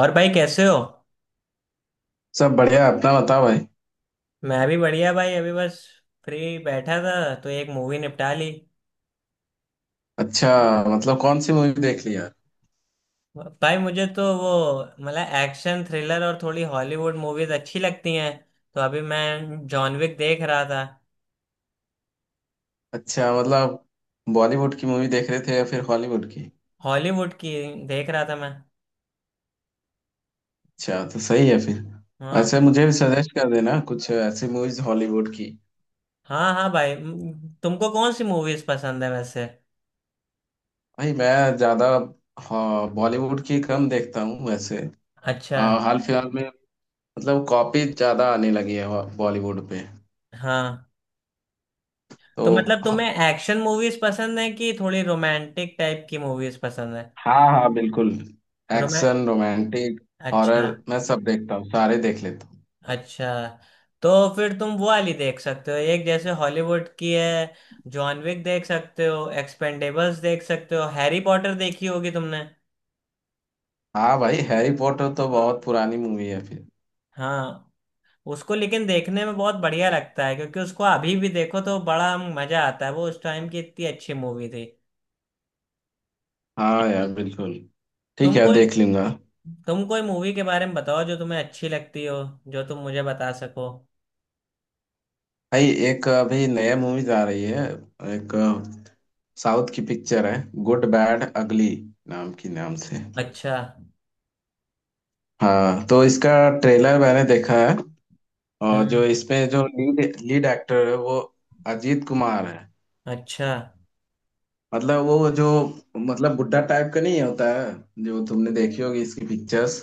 और भाई कैसे हो। सब बढ़िया, अपना बताओ भाई। मैं भी बढ़िया भाई अभी बस फ्री बैठा था तो एक मूवी निपटा ली। अच्छा, मतलब कौन सी मूवी देख लिया? भाई मुझे तो वो मतलब एक्शन थ्रिलर और थोड़ी हॉलीवुड मूवीज अच्छी लगती हैं। तो अभी मैं जॉन विक देख रहा था। अच्छा, मतलब बॉलीवुड की मूवी देख रहे थे या फिर हॉलीवुड की? हॉलीवुड की देख रहा था मैं। अच्छा, तो सही है फिर। हाँ वैसे मुझे भी सजेस्ट कर देना कुछ ऐसी मूवीज हॉलीवुड की। हाँ हाँ भाई तुमको कौन सी मूवीज पसंद है वैसे। भाई मैं ज्यादा। हाँ, बॉलीवुड की कम देखता हूँ वैसे। अच्छा। हाल फिलहाल में मतलब कॉपी ज्यादा आने लगी है बॉलीवुड पे, हाँ तो तो मतलब ह- तुम्हें एक्शन मूवीज पसंद है कि थोड़ी रोमांटिक टाइप की मूवीज पसंद है। हाँ हाँ बिल्कुल। रोमै एक्शन, रोमांटिक, अच्छा। हॉरर, मैं सब देखता हूँ, सारे देख लेता हूँ। अच्छा तो फिर तुम वो वाली देख सकते हो एक जैसे हॉलीवुड की है। जॉन विक देख सकते हो एक्सपेंडेबल्स देख सकते हो हैरी पॉटर देखी होगी तुमने। हाँ भाई, हैरी पॉटर तो बहुत पुरानी मूवी है फिर। हाँ। उसको लेकिन देखने में बहुत बढ़िया लगता है क्योंकि उसको अभी भी देखो तो बड़ा मजा आता है वो उस टाइम की इतनी अच्छी मूवी थी। हाँ यार बिल्कुल, ठीक तुम है कोई देख लूंगा। तुम कोई मूवी के बारे में बताओ जो तुम्हें अच्छी लगती हो जो तुम मुझे बता सको। भाई एक अभी नया मूवीज आ रही है, एक साउथ की पिक्चर है, गुड बैड अगली नाम से। अच्छा। हाँ तो इसका ट्रेलर मैंने देखा है, और जो हम्म। इसमें जो लीड लीड एक्टर है वो अजीत कुमार है। अच्छा। मतलब वो जो, मतलब बुड्ढा टाइप का नहीं होता है, जो तुमने देखी होगी इसकी पिक्चर्स।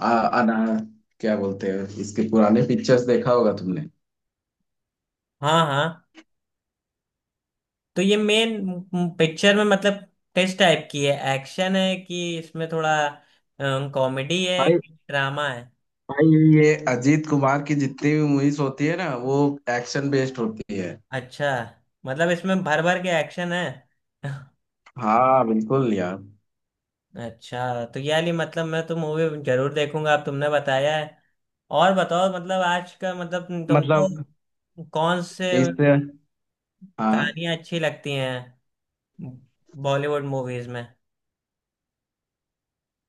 आ, अना, क्या बोलते हैं, इसके पुराने पिक्चर्स देखा होगा तुमने? हाँ। हाँ तो ये मेन पिक्चर में मतलब किस टाइप की है एक्शन है कि इसमें थोड़ा कॉमेडी है भाई, कि ड्रामा है। भाई, ये अजीत कुमार की जितनी भी मूवीज होती है ना वो एक्शन बेस्ड होती है। अच्छा मतलब इसमें भर भर के एक्शन है। हाँ बिल्कुल यार। अच्छा तो यार ये मतलब मैं तो मूवी जरूर देखूंगा अब तुमने बताया है। और बताओ मतलब आज का मतलब मतलब तुमको कौन से इससे, हाँ। कहानियां अच्छी लगती हैं बॉलीवुड मूवीज में।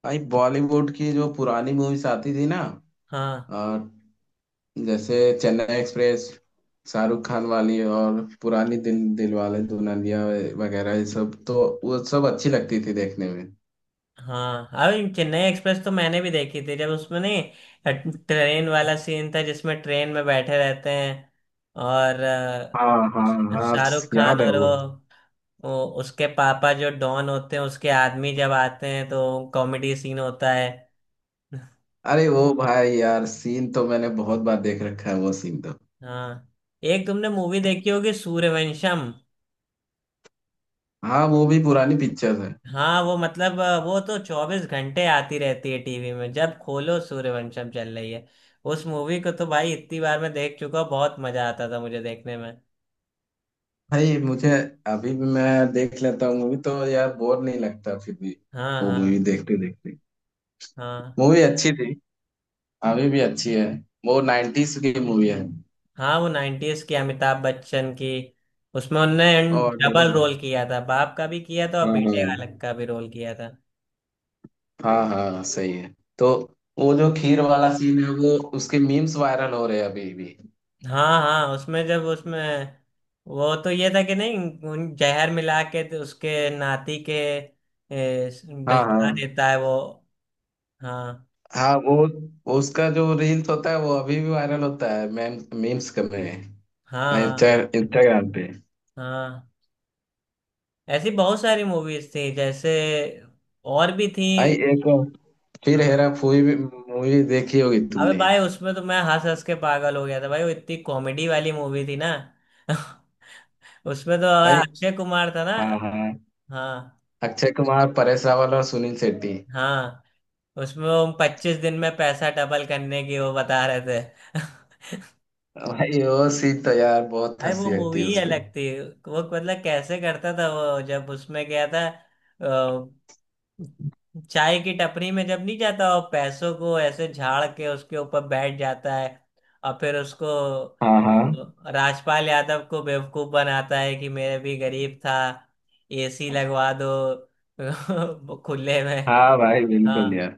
भाई, बॉलीवुड की जो पुरानी मूवीज आती थी ना, हाँ और जैसे चेन्नई एक्सप्रेस, शाहरुख खान वाली, और पुरानी दिल दिल वाले दुल्हनिया वगैरह, ये सब, तो वो सब अच्छी लगती थी देखने में। हाँ अभी चेन्नई एक्सप्रेस तो मैंने भी देखी थी जब उसमें नहीं ट्रेन वाला सीन था जिसमें ट्रेन में बैठे रहते हैं और हाँ हाँ। हाँ, शाहरुख खान याद है और वो। वो उसके पापा जो डॉन होते हैं उसके आदमी जब आते हैं तो कॉमेडी सीन होता है। अरे वो भाई यार, सीन तो मैंने बहुत बार देख रखा है, वो सीन तो। हाँ। एक तुमने मूवी देखी होगी सूर्यवंशम। हाँ, वो भी पुरानी पिक्चर है। हाँ वो मतलब वो तो चौबीस घंटे आती रहती है टीवी में जब खोलो सूर्यवंशम चल रही है। उस मूवी को तो भाई इतनी बार मैं देख चुका हूँ बहुत मजा आता था मुझे देखने में। भाई मुझे अभी भी मैं देख लेता हूँ मूवी तो, यार बोर नहीं लगता फिर भी, हाँ वो मूवी हाँ। देखते देखते। हाँ मूवी अच्छी थी, अभी भी अच्छी है, वो नाइन्टीज की मूवी है। हाँ वो नाइन्टीज की अमिताभ बच्चन की उसमें उनने और डबल डबल। रोल किया था बाप का भी किया था और हाँ हाँ। बेटे बालक का भी रोल किया था। हाँ हाँ सही है तो, वो जो खीर वाला सीन है वो, उसके मीम्स वायरल हो रहे हैं अभी भी। हाँ हाँ उसमें जब उसमें वो तो ये था कि नहीं उन जहर मिला के तो उसके नाती के ए, हाँ भिजवा हाँ। देता है वो। हाँ हाँ वो, उसका जो रील्स होता है वो अभी भी वायरल होता है, मैम, मीम्स हाँ में, हाँ इंस्टाग्राम पे। हाँ ऐसी बहुत सारी मूवीज थी जैसे और भी थी। भाई एक, फिर हाँ। हेरा फेरी भी मूवी देखी होगी अबे तुमने? भाई उसमें तो मैं हंस हंस के पागल हो गया था भाई वो इतनी कॉमेडी वाली मूवी थी ना। उसमें तो भाई, अक्षय कुमार था ना। हाँ हाँ, हाँ। अक्षय कुमार, परेश रावल और सुनील शेट्टी। हाँ उसमें वो पच्चीस दिन में पैसा डबल करने की वो बता रहे थे। भाई वो सीन तो यार बहुत भाई वो हंसी लगती मूवी है ही उसपे। अलग थी वो मतलब कैसे करता था वो जब उसमें गया था चाय की टपरी में जब नहीं जाता और पैसों को ऐसे झाड़ के उसके ऊपर बैठ जाता है। और फिर उसको हाँ हाँ। राजपाल यादव को बेवकूफ बनाता है कि मेरे भी गरीब था एसी लगवा दो। खुले में। हाँ भाई बिल्कुल हाँ यार।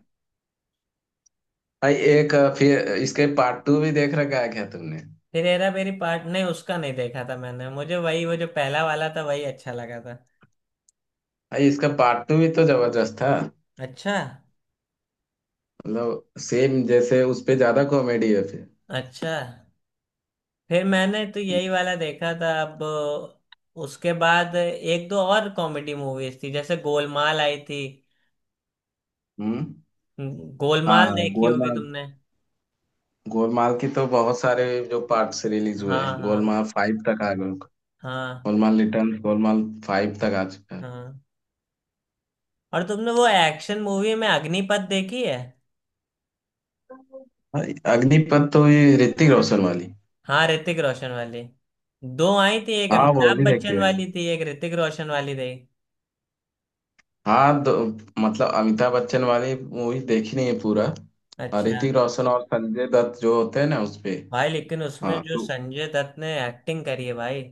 भाई एक फिर इसके पार्ट टू भी देख रखा है क्या तुमने? फिर हेरा मेरी पार्ट नहीं उसका नहीं देखा था मैंने मुझे वही वो जो पहला वाला था वही अच्छा लगा था। भाई, इसका पार्ट टू भी तो जबरदस्त था। अच्छा। मतलब सेम जैसे, उसपे ज्यादा कॉमेडी है फिर। अच्छा फिर मैंने तो यही वाला देखा था अब। उसके बाद एक दो और कॉमेडी मूवीज थी जैसे गोलमाल आई थी। हम्म। गोलमाल हाँ, देखी होगी गोलमाल। तुमने। गोलमाल की तो बहुत सारे जो पार्ट्स रिलीज हुए हाँ हैं, हाँ गोलमाल फाइव तक आ गए। हाँ गोलमाल रिटर्न, गोलमाल फाइव तक आ चुका है। हाँ और तुमने वो एक्शन मूवी में अग्निपथ देखी है। भाई, अग्निपथ तो ये ऋतिक रोशन वाली। हाँ ऋतिक रोशन वाली दो आई थी एक हाँ वो अमिताभ भी देखी बच्चन है। वाली थी एक ऋतिक रोशन वाली थी। हाँ, दो, मतलब अमिताभ बच्चन वाली मूवी देखी नहीं है पूरा। और अच्छा। ऋतिक रोशन और संजय दत्त जो होते हैं ना उसपे। भाई लेकिन उसमें हाँ जो तो, संजय दत्त ने एक्टिंग करी है भाई।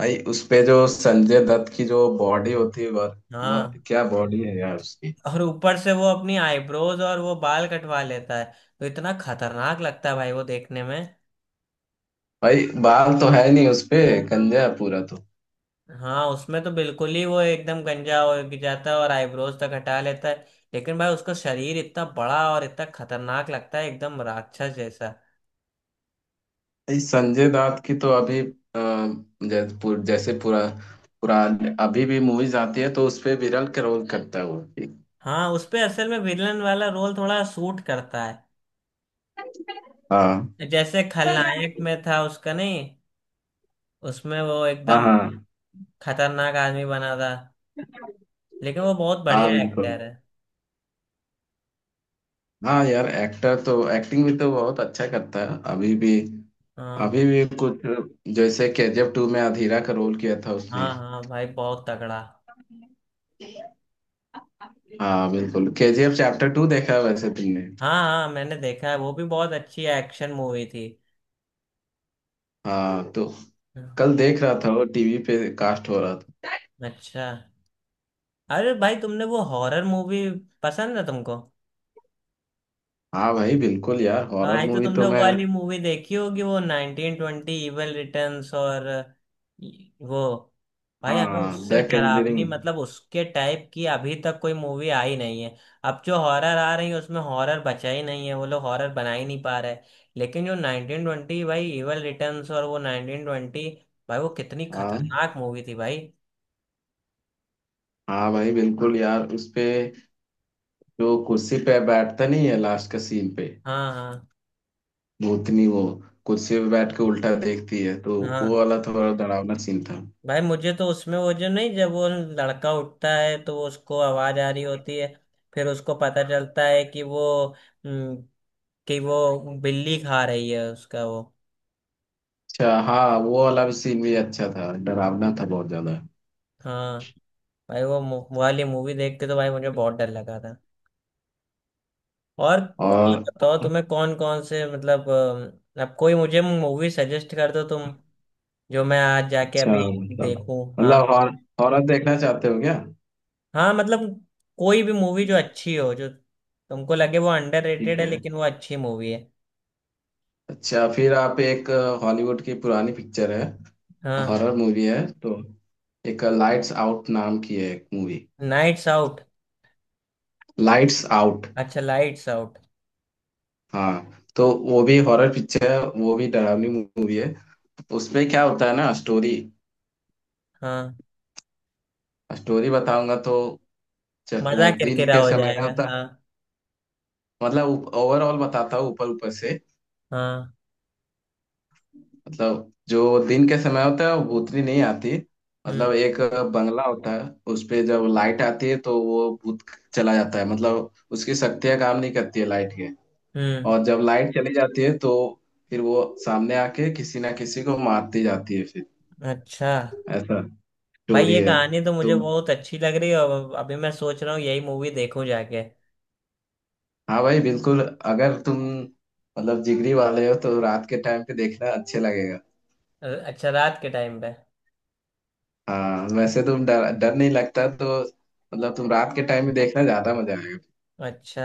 भाई उसपे जो संजय दत्त की जो बॉडी होती है हाँ क्या बॉडी है यार उसकी। और ऊपर से वो अपनी आईब्रोज और वो बाल कटवा लेता है तो इतना खतरनाक लगता है भाई वो देखने में। भाई बाल तो है नहीं उसपे, गंजा है पूरा तो। हाँ उसमें तो बिल्कुल ही वो एकदम गंजा हो जाता है और आईब्रोज तक हटा लेता है। लेकिन भाई उसका शरीर इतना बड़ा और इतना खतरनाक लगता है एकदम राक्षस जैसा। इस संजय दत्त की तो अभी जैसे पूरा पूरा अभी भी मूवीज आती है तो उसपे विरल का रोल करता है वो। हाँ उस पे असल में विलन वाला रोल थोड़ा सूट करता है हाँ जैसे खलनायक में था उसका नहीं उसमें वो हाँ। एकदम हाँ खतरनाक आदमी बना था। लेकिन वो बहुत हाँ बढ़िया बिल्कुल। एक्टर है। हाँ यार, एक्टर तो एक्टिंग भी तो बहुत अच्छा करता है अभी भी। हाँ अभी भी कुछ, जैसे केजीएफ टू में अधीरा का रोल किया था उसने। हाँ हाँ भाई बहुत तगड़ा। हाँ बिल्कुल, केजीएफ चैप्टर टू देखा है वैसे तुमने? हाँ हाँ मैंने देखा है वो भी बहुत अच्छी एक्शन मूवी थी। हाँ तो कल देख रहा था वो, टीवी पे कास्ट हो रहा था। अच्छा। अरे भाई तुमने वो हॉरर मूवी पसंद है तुमको। हाँ भाई बिल्कुल यार, हॉरर आई तो मूवी तो तुमने वो मैं। वाली मूवी देखी होगी वो नाइनटीन ट्वेंटी इविल रिटर्न्स और वो भाई हमें हाँ, उससे द डरावनी कंजरिंग। मतलब उसके टाइप की अभी तक कोई मूवी आई नहीं है। अब जो हॉरर आ रही है उसमें हॉरर बचा ही नहीं है वो लोग हॉरर बना ही नहीं पा रहे। लेकिन जो नाइनटीन ट्वेंटी भाई इविल रिटर्न्स और वो नाइनटीन ट्वेंटी भाई वो कितनी हाँ खतरनाक मूवी थी भाई। हाँ भाई बिल्कुल यार, उसपे जो कुर्सी पे बैठता नहीं है लास्ट का सीन पे, हाँ हाँ भूतनी वो कुर्सी पे बैठ के उल्टा देखती है तो, वो हाँ वाला थोड़ा डरावना सीन था। भाई मुझे तो उसमें वो जो नहीं जब वो लड़का उठता है तो वो उसको आवाज आ रही होती है। फिर उसको पता चलता है कि हम्म, वो बिल्ली खा रही है उसका वो। अच्छा, हाँ, वो वाला भी सीन भी अच्छा था, डरावना था बहुत ज्यादा। हाँ भाई वो वाली मूवी देख के तो भाई मुझे बहुत डर लगा था। और और बताओ तुम्हें कौन कौन से मतलब अब कोई मुझे मूवी सजेस्ट कर दो तुम जो मैं आज जाके अच्छा, अभी मतलब, देखूं। मतलब हाँ। हॉरर देखना चाहते हो क्या? हाँ मतलब कोई भी मूवी जो अच्छी हो जो तुमको लगे वो अंडररेटेड ठीक है है, लेकिन वो अच्छी मूवी है। अच्छा फिर आप एक, हॉलीवुड की पुरानी पिक्चर है, हाँ। हॉरर मूवी है तो, एक लाइट्स आउट नाम की है एक movie. Nights out. Lights out, अच्छा लाइट्स आउट। हाँ तो वो भी हॉरर पिक्चर है, वो भी डरावनी मूवी है। उसमें क्या होता है ना, स्टोरी, हाँ। स्टोरी बताऊंगा तो च- मजा दिन किरकिरा के हो समय जाएगा होता है, हाँ। मतलब ओवरऑल बताता हूँ ऊपर ऊपर से। हाँ। मतलब जो दिन के समय होता है वो भूतनी नहीं आती, मतलब हम्म। एक बंगला होता है उस पे, जब लाइट आती है तो वो भूत चला जाता है, मतलब उसकी शक्तियाँ काम नहीं करती है लाइट के। हम्म। और जब लाइट चली जाती है तो फिर वो सामने आके किसी ना किसी को मारती जाती है फिर, अच्छा ऐसा भाई स्टोरी ये है। कहानी तो तो मुझे बहुत अच्छी लग रही है और अभी मैं सोच रहा हूँ यही मूवी देखूं जाके। हाँ भाई बिल्कुल, अगर तुम मतलब जिगरी वाले हो तो रात के टाइम पे देखना अच्छे लगेगा। अच्छा रात के टाइम पे। हाँ वैसे तुम, डर डर नहीं लगता तो, मतलब तुम रात के टाइम में देखना ज्यादा मजा आएगा। अच्छा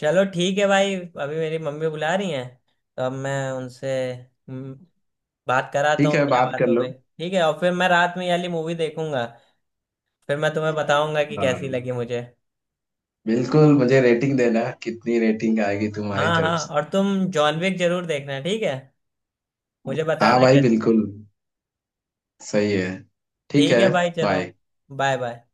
चलो ठीक है भाई। अभी मेरी मम्मी बुला रही हैं। तो अब मैं उनसे बात कराता ठीक हूँ है, क्या बात कर बात हो लो। गई ठीक है और फिर मैं रात में ये वाली मूवी देखूंगा। फिर मैं तुम्हें बताऊंगा कि कैसी हाँ लगी मुझे। बिल्कुल, मुझे रेटिंग देना, कितनी रेटिंग आएगी तुम्हारी हाँ तरफ हाँ से? और तुम जॉन विक जरूर देखना ठीक है। मुझे हाँ बताना भाई कैसी बिल्कुल, लगी। सही है, ठीक ठीक है, है भाई चलो। बाय। Bye bye.